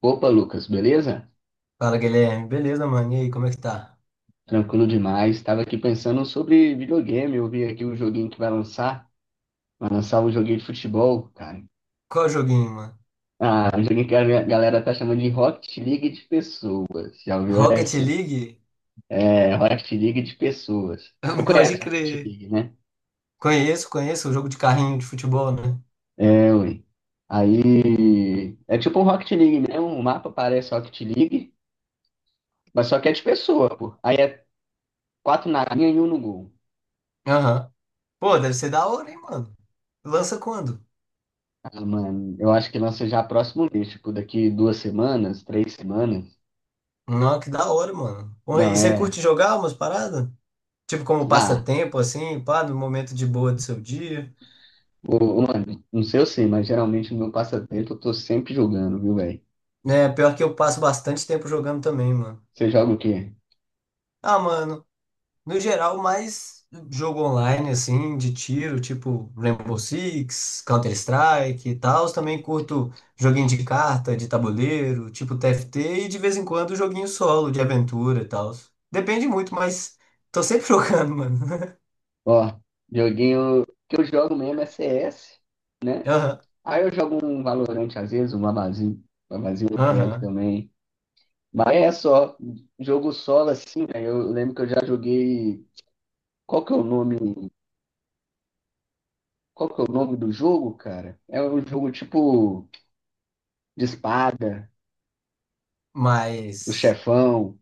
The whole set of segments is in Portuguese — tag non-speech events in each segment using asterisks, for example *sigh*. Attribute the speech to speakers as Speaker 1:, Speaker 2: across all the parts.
Speaker 1: Opa, Lucas, beleza?
Speaker 2: Fala, Guilherme. Beleza, mano? E aí, como é que tá?
Speaker 1: Tranquilo demais. Estava aqui pensando sobre videogame. Eu vi aqui o joguinho que vai lançar. Vai lançar um joguinho de futebol, cara.
Speaker 2: Qual joguinho, mano?
Speaker 1: Ah, um joguinho que a minha galera tá chamando de Rocket League de pessoas. Já ouviu
Speaker 2: Rocket
Speaker 1: essa?
Speaker 2: League?
Speaker 1: É, Rocket League de pessoas. Você
Speaker 2: *laughs* Pode
Speaker 1: conhece Rocket
Speaker 2: crer.
Speaker 1: League, né?
Speaker 2: Conheço, conheço. O jogo de carrinho de futebol, né?
Speaker 1: É, ui. Aí é tipo um Rocket League mesmo. O mapa parece Rocket League, mas só que é de pessoa, pô. Aí é quatro na linha e um no gol.
Speaker 2: Aham. Pô, deve ser da hora, hein, mano? Lança quando?
Speaker 1: Ah, mano, eu acho que lança já próximo mês, tipo, daqui duas semanas, três semanas.
Speaker 2: Não, que da hora, mano. Pô, e
Speaker 1: Não,
Speaker 2: você
Speaker 1: é.
Speaker 2: curte jogar umas paradas? Tipo, como
Speaker 1: Ah,
Speaker 2: passatempo, assim, pá, no momento de boa do seu dia?
Speaker 1: mano, não sei eu sei, mas geralmente no meu passatempo eu tô sempre jogando, viu, velho?
Speaker 2: É, pior que eu passo bastante tempo jogando também, mano.
Speaker 1: Você joga o quê?
Speaker 2: Ah, mano. No geral, mais jogo online, assim, de tiro, tipo Rainbow Six, Counter-Strike e tal. Também curto joguinho de carta, de tabuleiro, tipo TFT, e de vez em quando joguinho solo, de aventura e tal. Depende muito, mas tô sempre *laughs* jogando, mano.
Speaker 1: Ó, joguinho que eu jogo mesmo é CS.
Speaker 2: Aham,
Speaker 1: Aí eu jogo um Valorant às vezes, um Abazinho. Abazinho eu pego
Speaker 2: aham.
Speaker 1: também. Mas é só, jogo solo assim, velho. Eu lembro que eu já joguei. Qual que é o nome? Qual que é o nome do jogo, cara? É um jogo tipo de espada. O
Speaker 2: Mas
Speaker 1: chefão.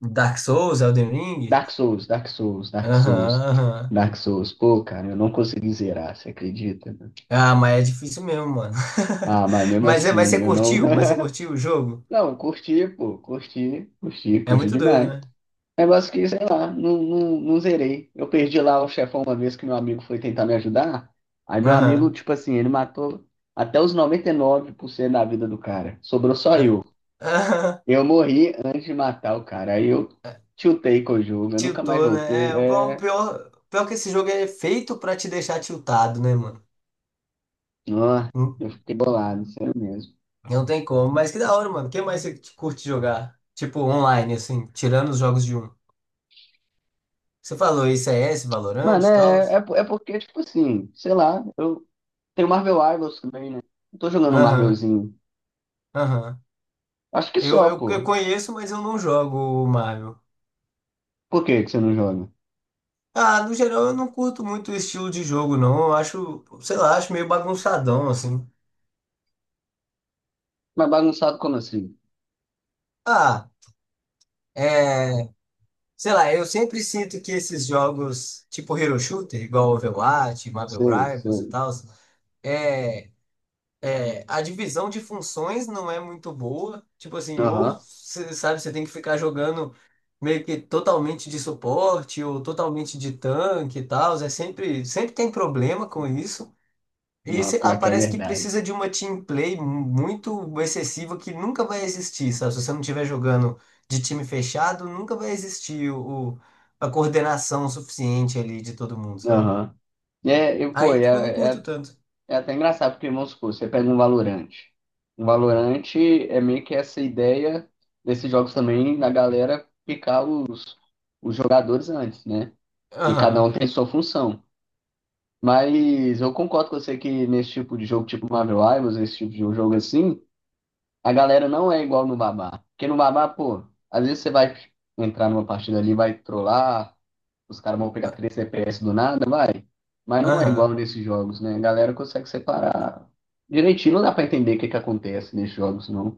Speaker 2: Dark Souls, Elden Ring?
Speaker 1: Dark Souls, Dark Souls, Dark
Speaker 2: Aham,
Speaker 1: Souls,
Speaker 2: aham.
Speaker 1: Dark Souls. Pô, cara, eu não consegui zerar, você acredita, né?
Speaker 2: Ah, mas é difícil mesmo, mano.
Speaker 1: Ah, mas
Speaker 2: *laughs*
Speaker 1: mesmo
Speaker 2: Mas
Speaker 1: assim,
Speaker 2: você
Speaker 1: eu não.
Speaker 2: curtiu? Mas você
Speaker 1: *laughs*
Speaker 2: curtiu o jogo?
Speaker 1: Não, curti, pô,
Speaker 2: É
Speaker 1: curti
Speaker 2: muito doido,
Speaker 1: demais.
Speaker 2: né?
Speaker 1: Negócio que, sei lá, não zerei. Eu perdi lá o chefão uma vez que meu amigo foi tentar me ajudar. Aí meu amigo,
Speaker 2: Aham.
Speaker 1: tipo assim, ele matou até os 99% da vida do cara. Sobrou só
Speaker 2: Ah.
Speaker 1: eu.
Speaker 2: Aham.
Speaker 1: Eu morri antes de matar o cara. Aí eu tiltei com o jogo, eu nunca mais
Speaker 2: Tiltou, né?
Speaker 1: voltei.
Speaker 2: É, bom,
Speaker 1: É,
Speaker 2: pior, pior que esse jogo é feito pra te deixar tiltado, né, mano?
Speaker 1: ó,
Speaker 2: Hum.
Speaker 1: eu fiquei bolado, sério mesmo.
Speaker 2: Não tem como. Mas que da hora, mano. O que mais você curte jogar? Tipo, online, assim, tirando os jogos de um. Você falou ICS Valorant
Speaker 1: Mano,
Speaker 2: e tal?
Speaker 1: é porque, tipo assim, sei lá, eu tenho Marvel Rivals também, né? Eu tô jogando um
Speaker 2: Aham,
Speaker 1: Marvelzinho.
Speaker 2: aham.
Speaker 1: Acho que
Speaker 2: Eu,
Speaker 1: só,
Speaker 2: eu, eu
Speaker 1: pô.
Speaker 2: conheço, mas eu não jogo o Marvel.
Speaker 1: Por que que você não joga?
Speaker 2: Ah, no geral eu não curto muito o estilo de jogo, não. Eu acho, sei lá, acho meio bagunçadão, assim.
Speaker 1: Mas bagunçado como assim?
Speaker 2: Ah, é. Sei lá, eu sempre sinto que esses jogos, tipo Hero Shooter, igual Overwatch, Marvel
Speaker 1: Sei,
Speaker 2: Rivals e
Speaker 1: sei.
Speaker 2: tal, é, a divisão de funções não é muito boa. Tipo assim, ou,
Speaker 1: Aham.
Speaker 2: cê sabe, você tem que ficar jogando meio que totalmente de suporte ou totalmente de tanque e tal. É sempre, sempre tem problema com isso. E
Speaker 1: Não,
Speaker 2: sei lá,
Speaker 1: pior que é
Speaker 2: parece que
Speaker 1: verdade.
Speaker 2: precisa de uma team play muito excessiva que nunca vai existir, sabe? Se você não estiver jogando de time fechado, nunca vai existir a coordenação suficiente ali de todo mundo, sabe?
Speaker 1: Aham. É, e, pô,
Speaker 2: Aí,
Speaker 1: é,
Speaker 2: tipo, eu não curto
Speaker 1: é,
Speaker 2: tanto.
Speaker 1: é até engraçado, porque, vamos supor, você pega um Valorante. Um Valorante é meio que essa ideia desses jogos também, da galera picar os jogadores antes, né? E cada um
Speaker 2: Aham,
Speaker 1: tem sua função. Mas eu concordo com você que nesse tipo de jogo, tipo Marvel Rivals, esse tipo de jogo assim, a galera não é igual no Babá. Porque no Babá, pô, às vezes você vai entrar numa partida ali, vai trollar, os caras vão pegar 3 CPS do nada, vai. Mas não é igual
Speaker 2: aham.
Speaker 1: nesses jogos, né? A galera consegue separar direitinho, não dá pra entender o que que acontece nesses jogos, não.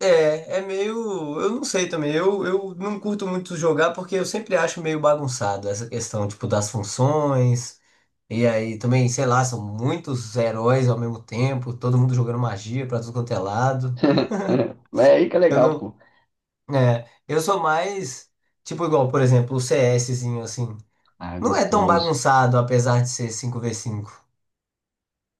Speaker 2: É meio. Eu não sei também. Eu não curto muito jogar porque eu sempre acho meio bagunçado essa questão, tipo, das funções. E aí também, sei lá, são muitos heróis ao mesmo tempo, todo mundo jogando magia pra tudo quanto é lado.
Speaker 1: *laughs* Mas é aí que é
Speaker 2: Eu
Speaker 1: legal,
Speaker 2: não.
Speaker 1: pô.
Speaker 2: É, eu sou mais, tipo, igual, por exemplo, o CSzinho, assim.
Speaker 1: Ah, é
Speaker 2: Não é tão
Speaker 1: gostoso.
Speaker 2: bagunçado, apesar de ser 5v5.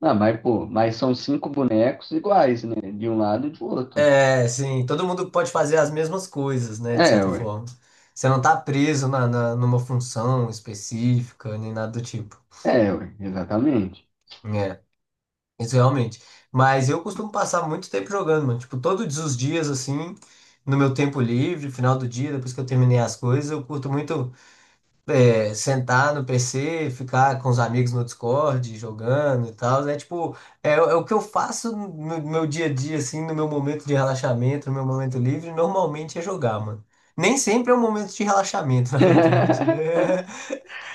Speaker 1: Ah, mas, pô, mas são cinco bonecos iguais, né? De um lado e do outro.
Speaker 2: É, sim, todo mundo pode fazer as mesmas coisas, né, de
Speaker 1: É,
Speaker 2: certa
Speaker 1: ué.
Speaker 2: forma. Você não tá preso numa função específica, nem nada do tipo.
Speaker 1: É, ué. Exatamente.
Speaker 2: É, isso realmente. Mas eu costumo passar muito tempo jogando, mano. Tipo, todos os dias, assim, no meu tempo livre, final do dia, depois que eu terminei as coisas, eu curto muito sentar no PC, ficar com os amigos no Discord, jogando e tal. É tipo, é o que eu faço no meu dia a dia, assim, no meu momento de relaxamento, no meu momento livre, normalmente é jogar, mano. Nem sempre é um momento de relaxamento, *laughs* na verdade.
Speaker 1: *laughs*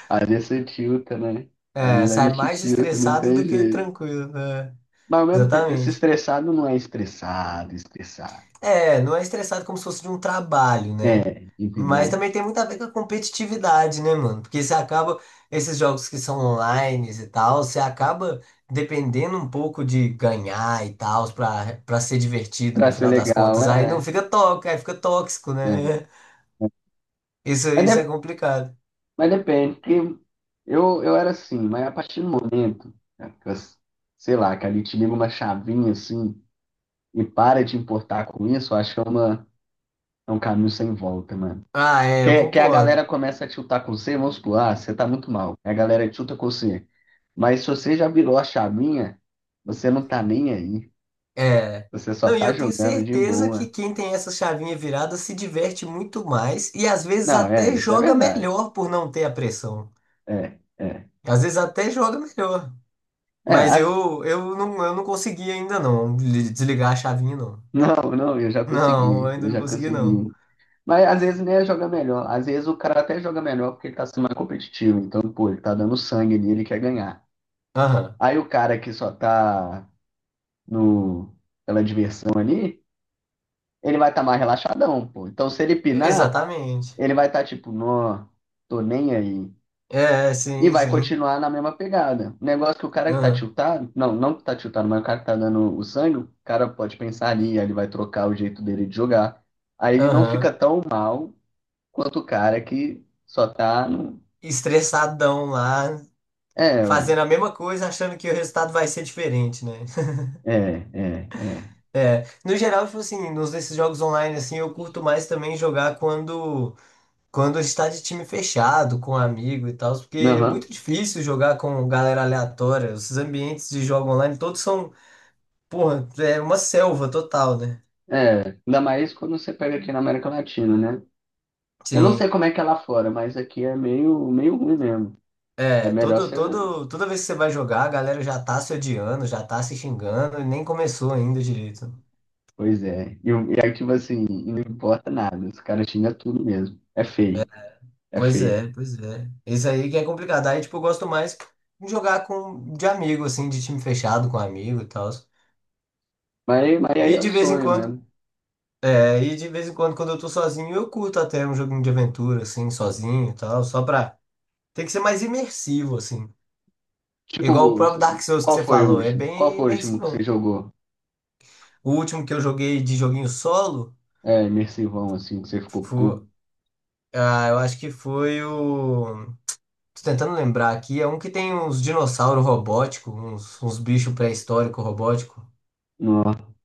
Speaker 1: Às vezes você tilta, né? Às
Speaker 2: É,
Speaker 1: vezes a
Speaker 2: sai
Speaker 1: gente
Speaker 2: mais
Speaker 1: tilta, não
Speaker 2: estressado
Speaker 1: tem
Speaker 2: do que
Speaker 1: jeito.
Speaker 2: tranquilo, né?
Speaker 1: Mas ao mesmo tempo, esse
Speaker 2: Exatamente.
Speaker 1: estressado não é estressado, estressado.
Speaker 2: É, não é estressado como se fosse de um trabalho, né?
Speaker 1: É,
Speaker 2: Mas
Speaker 1: entendeu?
Speaker 2: também tem muito a ver com a competitividade, né, mano? Porque você acaba, esses jogos que são online e tal, você acaba dependendo um pouco de ganhar e tal, pra ser divertido
Speaker 1: Pra
Speaker 2: no
Speaker 1: ser
Speaker 2: final das
Speaker 1: legal,
Speaker 2: contas. Aí não
Speaker 1: é.
Speaker 2: fica tóxico, aí fica tóxico,
Speaker 1: É.
Speaker 2: né? *laughs* Isso,
Speaker 1: Mas,
Speaker 2: isso é complicado.
Speaker 1: mas depende, porque eu era assim, mas a partir do momento, né, sei lá, que ali te liga uma chavinha assim e para de importar com isso, eu acho que é, uma, é um caminho sem volta, mano.
Speaker 2: Ah, é, eu
Speaker 1: Que a galera
Speaker 2: concordo.
Speaker 1: começa a tiltar com você, vamos supor, ah, você tá muito mal. A galera tilta com você. Mas se você já virou a chavinha, você não tá nem aí.
Speaker 2: É.
Speaker 1: Você só
Speaker 2: Não, e
Speaker 1: tá
Speaker 2: eu tenho
Speaker 1: jogando de
Speaker 2: certeza que
Speaker 1: boa.
Speaker 2: quem tem essa chavinha virada se diverte muito mais e às vezes
Speaker 1: Não, é,
Speaker 2: até
Speaker 1: isso é
Speaker 2: joga
Speaker 1: verdade.
Speaker 2: melhor por não ter a pressão.
Speaker 1: É, é.
Speaker 2: Às vezes até joga melhor.
Speaker 1: É,
Speaker 2: Mas
Speaker 1: as-
Speaker 2: não, eu não consegui ainda não desligar a chavinha, não.
Speaker 1: *laughs* não, não, eu já
Speaker 2: Não, eu
Speaker 1: consegui, eu
Speaker 2: ainda não
Speaker 1: já
Speaker 2: consegui, não.
Speaker 1: consegui. Mas às vezes nem joga melhor. Às vezes o cara até joga melhor porque ele tá sendo mais competitivo. Então, pô, ele tá dando sangue ali, ele quer ganhar.
Speaker 2: Aham.
Speaker 1: Aí o cara que só tá no, pela diversão ali, ele vai estar mais relaxadão, pô. Então, se ele pinar,
Speaker 2: Exatamente.
Speaker 1: ele vai estar tipo, não, tô nem aí.
Speaker 2: É,
Speaker 1: E
Speaker 2: sim,
Speaker 1: vai
Speaker 2: sim.
Speaker 1: continuar na mesma pegada. O negócio que o cara que tá
Speaker 2: Aham.
Speaker 1: tiltado, não que tá tiltado, mas o cara que tá dando o sangue, o cara pode pensar ali, aí ele vai trocar o jeito dele de jogar. Aí ele não fica
Speaker 2: Aham.
Speaker 1: tão mal quanto o cara que só tá no.
Speaker 2: Estressadão lá,
Speaker 1: É, ué.
Speaker 2: fazendo a mesma coisa, achando que o resultado vai ser diferente, né? *laughs*
Speaker 1: É, é.
Speaker 2: É. No geral, tipo assim, nos desses jogos online, assim, eu curto mais também jogar quando. Quando está de time fechado, com amigo e tal, porque é
Speaker 1: Aham.
Speaker 2: muito difícil jogar com galera aleatória. Esses ambientes de jogo online todos são, porra, é uma selva total, né?
Speaker 1: Ainda mais quando você pega aqui na América Latina, né? Eu não sei
Speaker 2: Sim.
Speaker 1: como é que é lá fora, mas aqui é meio ruim mesmo. É
Speaker 2: É,
Speaker 1: melhor você
Speaker 2: toda vez que você vai jogar, a galera já tá se odiando, já tá se xingando e nem começou ainda direito.
Speaker 1: pois é. E, e aí, tipo assim, não importa nada. Os caras xingam tudo mesmo. É feio. É
Speaker 2: Pois
Speaker 1: feio.
Speaker 2: é, pois é. Isso aí que é complicado. Aí, tipo, eu gosto mais de jogar de amigo, assim, de time fechado, com amigo e tal.
Speaker 1: Mas aí
Speaker 2: E
Speaker 1: é o
Speaker 2: de vez em
Speaker 1: sonho
Speaker 2: quando.
Speaker 1: mesmo.
Speaker 2: Aí de vez em quando, quando eu tô sozinho, eu curto até um joguinho de aventura, assim, sozinho e tal, só pra. Tem que ser mais imersivo, assim. Igual o
Speaker 1: Tipo,
Speaker 2: próprio Dark Souls que
Speaker 1: qual
Speaker 2: você
Speaker 1: foi o
Speaker 2: falou, é
Speaker 1: último? Qual
Speaker 2: bem
Speaker 1: foi o último que você
Speaker 2: imersivão.
Speaker 1: jogou?
Speaker 2: O último que eu joguei de joguinho solo
Speaker 1: É, imersivão, assim, que você ficou
Speaker 2: foi.
Speaker 1: puro.
Speaker 2: Ah, eu acho que foi o. Tô tentando lembrar aqui, é um que tem uns dinossauros robóticos, uns bichos pré-históricos robóticos.
Speaker 1: Não,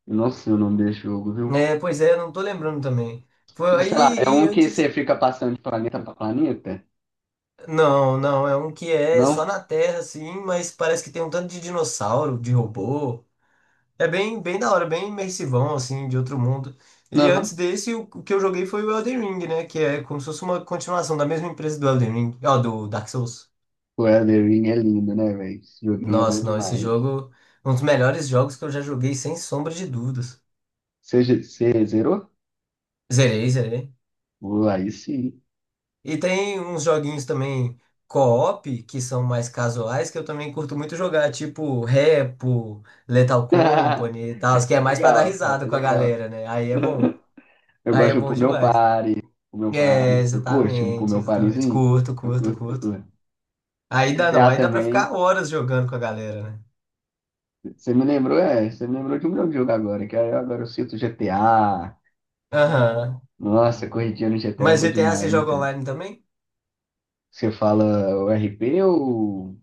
Speaker 1: eu não sei o nome desse jogo, viu?
Speaker 2: É, pois é, eu não tô lembrando também. Foi
Speaker 1: Mas sei lá, é
Speaker 2: aí, e
Speaker 1: um que você
Speaker 2: antes.
Speaker 1: fica passando de planeta pra planeta?
Speaker 2: Não, não, é um que é só
Speaker 1: Não?
Speaker 2: na Terra, assim, mas parece que tem um tanto de dinossauro, de robô. É bem, bem da hora, bem imersivão, assim, de outro mundo. E antes
Speaker 1: Aham.
Speaker 2: desse, o que eu joguei foi o Elden Ring, né? Que é como se fosse uma continuação da mesma empresa do Elden Ring, ó, do Dark Souls.
Speaker 1: O Elden Ring é lindo, né, velho? Esse joguinho é bom
Speaker 2: Nossa, não, esse
Speaker 1: demais.
Speaker 2: jogo, um dos melhores jogos que eu já joguei, sem sombra de dúvidas.
Speaker 1: Você, você zerou?
Speaker 2: Zerei, zerei.
Speaker 1: Pô, aí sim.
Speaker 2: E tem uns joguinhos também co-op, que são mais casuais, que eu também curto muito jogar, tipo Repo, Lethal
Speaker 1: *laughs*
Speaker 2: Company e tal, que é
Speaker 1: Rapa
Speaker 2: mais pra dar
Speaker 1: legal, rapa
Speaker 2: risada com a
Speaker 1: legal.
Speaker 2: galera, né? Aí é
Speaker 1: *laughs*
Speaker 2: bom.
Speaker 1: Eu
Speaker 2: Aí
Speaker 1: gosto
Speaker 2: é
Speaker 1: de um
Speaker 2: bom
Speaker 1: Pull Meu
Speaker 2: demais.
Speaker 1: Party. Pull Meu
Speaker 2: É,
Speaker 1: Party. Você curte um Pull
Speaker 2: exatamente,
Speaker 1: Meu
Speaker 2: exatamente.
Speaker 1: Partyzinho?
Speaker 2: Curto,
Speaker 1: Eu
Speaker 2: curto,
Speaker 1: curto, eu
Speaker 2: curto.
Speaker 1: curto.
Speaker 2: Aí dá não,
Speaker 1: GTA
Speaker 2: aí dá pra ficar
Speaker 1: também.
Speaker 2: horas jogando com a galera, né?
Speaker 1: Você me lembrou de um grande jogo agora, que aí agora eu cito GTA.
Speaker 2: Aham.
Speaker 1: Nossa, corridinha no GTA é
Speaker 2: Mas
Speaker 1: bom
Speaker 2: GTA
Speaker 1: demais,
Speaker 2: você
Speaker 1: viu,
Speaker 2: joga
Speaker 1: cara?
Speaker 2: online também?
Speaker 1: Você fala o RP ou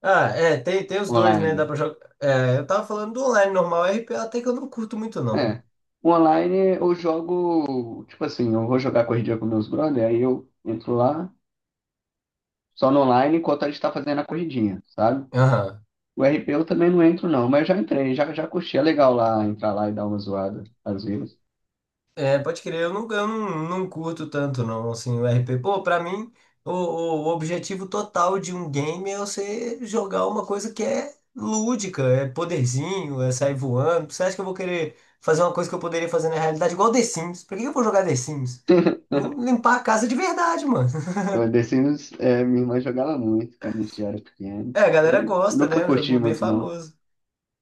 Speaker 2: Ah, é, tem os dois, né? Dá
Speaker 1: online?
Speaker 2: pra jogar. É, eu tava falando do online normal, RPA até que eu não curto muito, não.
Speaker 1: É. Online eu jogo, tipo assim, eu vou jogar corridinha com meus brother, aí eu entro lá, só no online enquanto a gente tá fazendo a corridinha, sabe?
Speaker 2: Aham.
Speaker 1: O RP eu também não entro, não, mas já entrei, já, já curti. É legal lá entrar lá e dar uma zoada, às vezes.
Speaker 2: É, pode crer, eu não, não curto tanto não, assim, o RP. Pô, pra mim, o objetivo total de um game é você jogar uma coisa que é lúdica, é poderzinho, é sair voando. Você acha que eu vou querer fazer uma coisa que eu poderia fazer na realidade igual The Sims? Pra que eu vou jogar The Sims? Eu vou limpar a casa de verdade, mano. *laughs*
Speaker 1: Pô, The Sims, é, minha irmã jogava muito, cara, a gente era pequeno.
Speaker 2: É, a
Speaker 1: Mas
Speaker 2: galera gosta,
Speaker 1: nunca
Speaker 2: né? É um
Speaker 1: curti
Speaker 2: joguinho bem
Speaker 1: muito, não.
Speaker 2: famoso.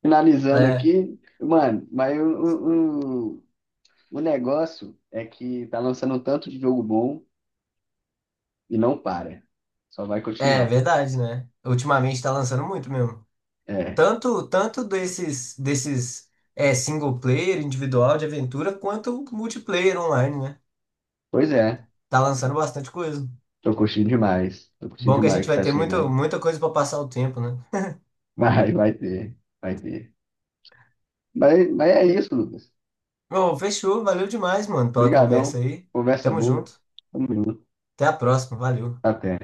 Speaker 1: Finalizando
Speaker 2: É,
Speaker 1: aqui, mano, mas o negócio é que tá lançando um tanto de jogo bom e não para. Só vai
Speaker 2: é
Speaker 1: continuar.
Speaker 2: verdade, né? Ultimamente tá lançando muito mesmo.
Speaker 1: É.
Speaker 2: Tanto, tanto desses single player, individual de aventura, quanto multiplayer online, né?
Speaker 1: Pois é,
Speaker 2: Tá lançando bastante coisa.
Speaker 1: tô curtindo demais. Tô curtindo
Speaker 2: Bom que a
Speaker 1: demais o
Speaker 2: gente
Speaker 1: que
Speaker 2: vai
Speaker 1: tá
Speaker 2: ter
Speaker 1: chegando.
Speaker 2: muita coisa pra passar o tempo, né?
Speaker 1: *laughs* Vai ter, vai ter. Mas é isso, Lucas.
Speaker 2: Bom, fechou. Valeu demais, mano, pela conversa
Speaker 1: Obrigadão.
Speaker 2: aí.
Speaker 1: Conversa
Speaker 2: Tamo
Speaker 1: boa.
Speaker 2: junto.
Speaker 1: Tamo junto.
Speaker 2: Até a próxima. Valeu.
Speaker 1: Até.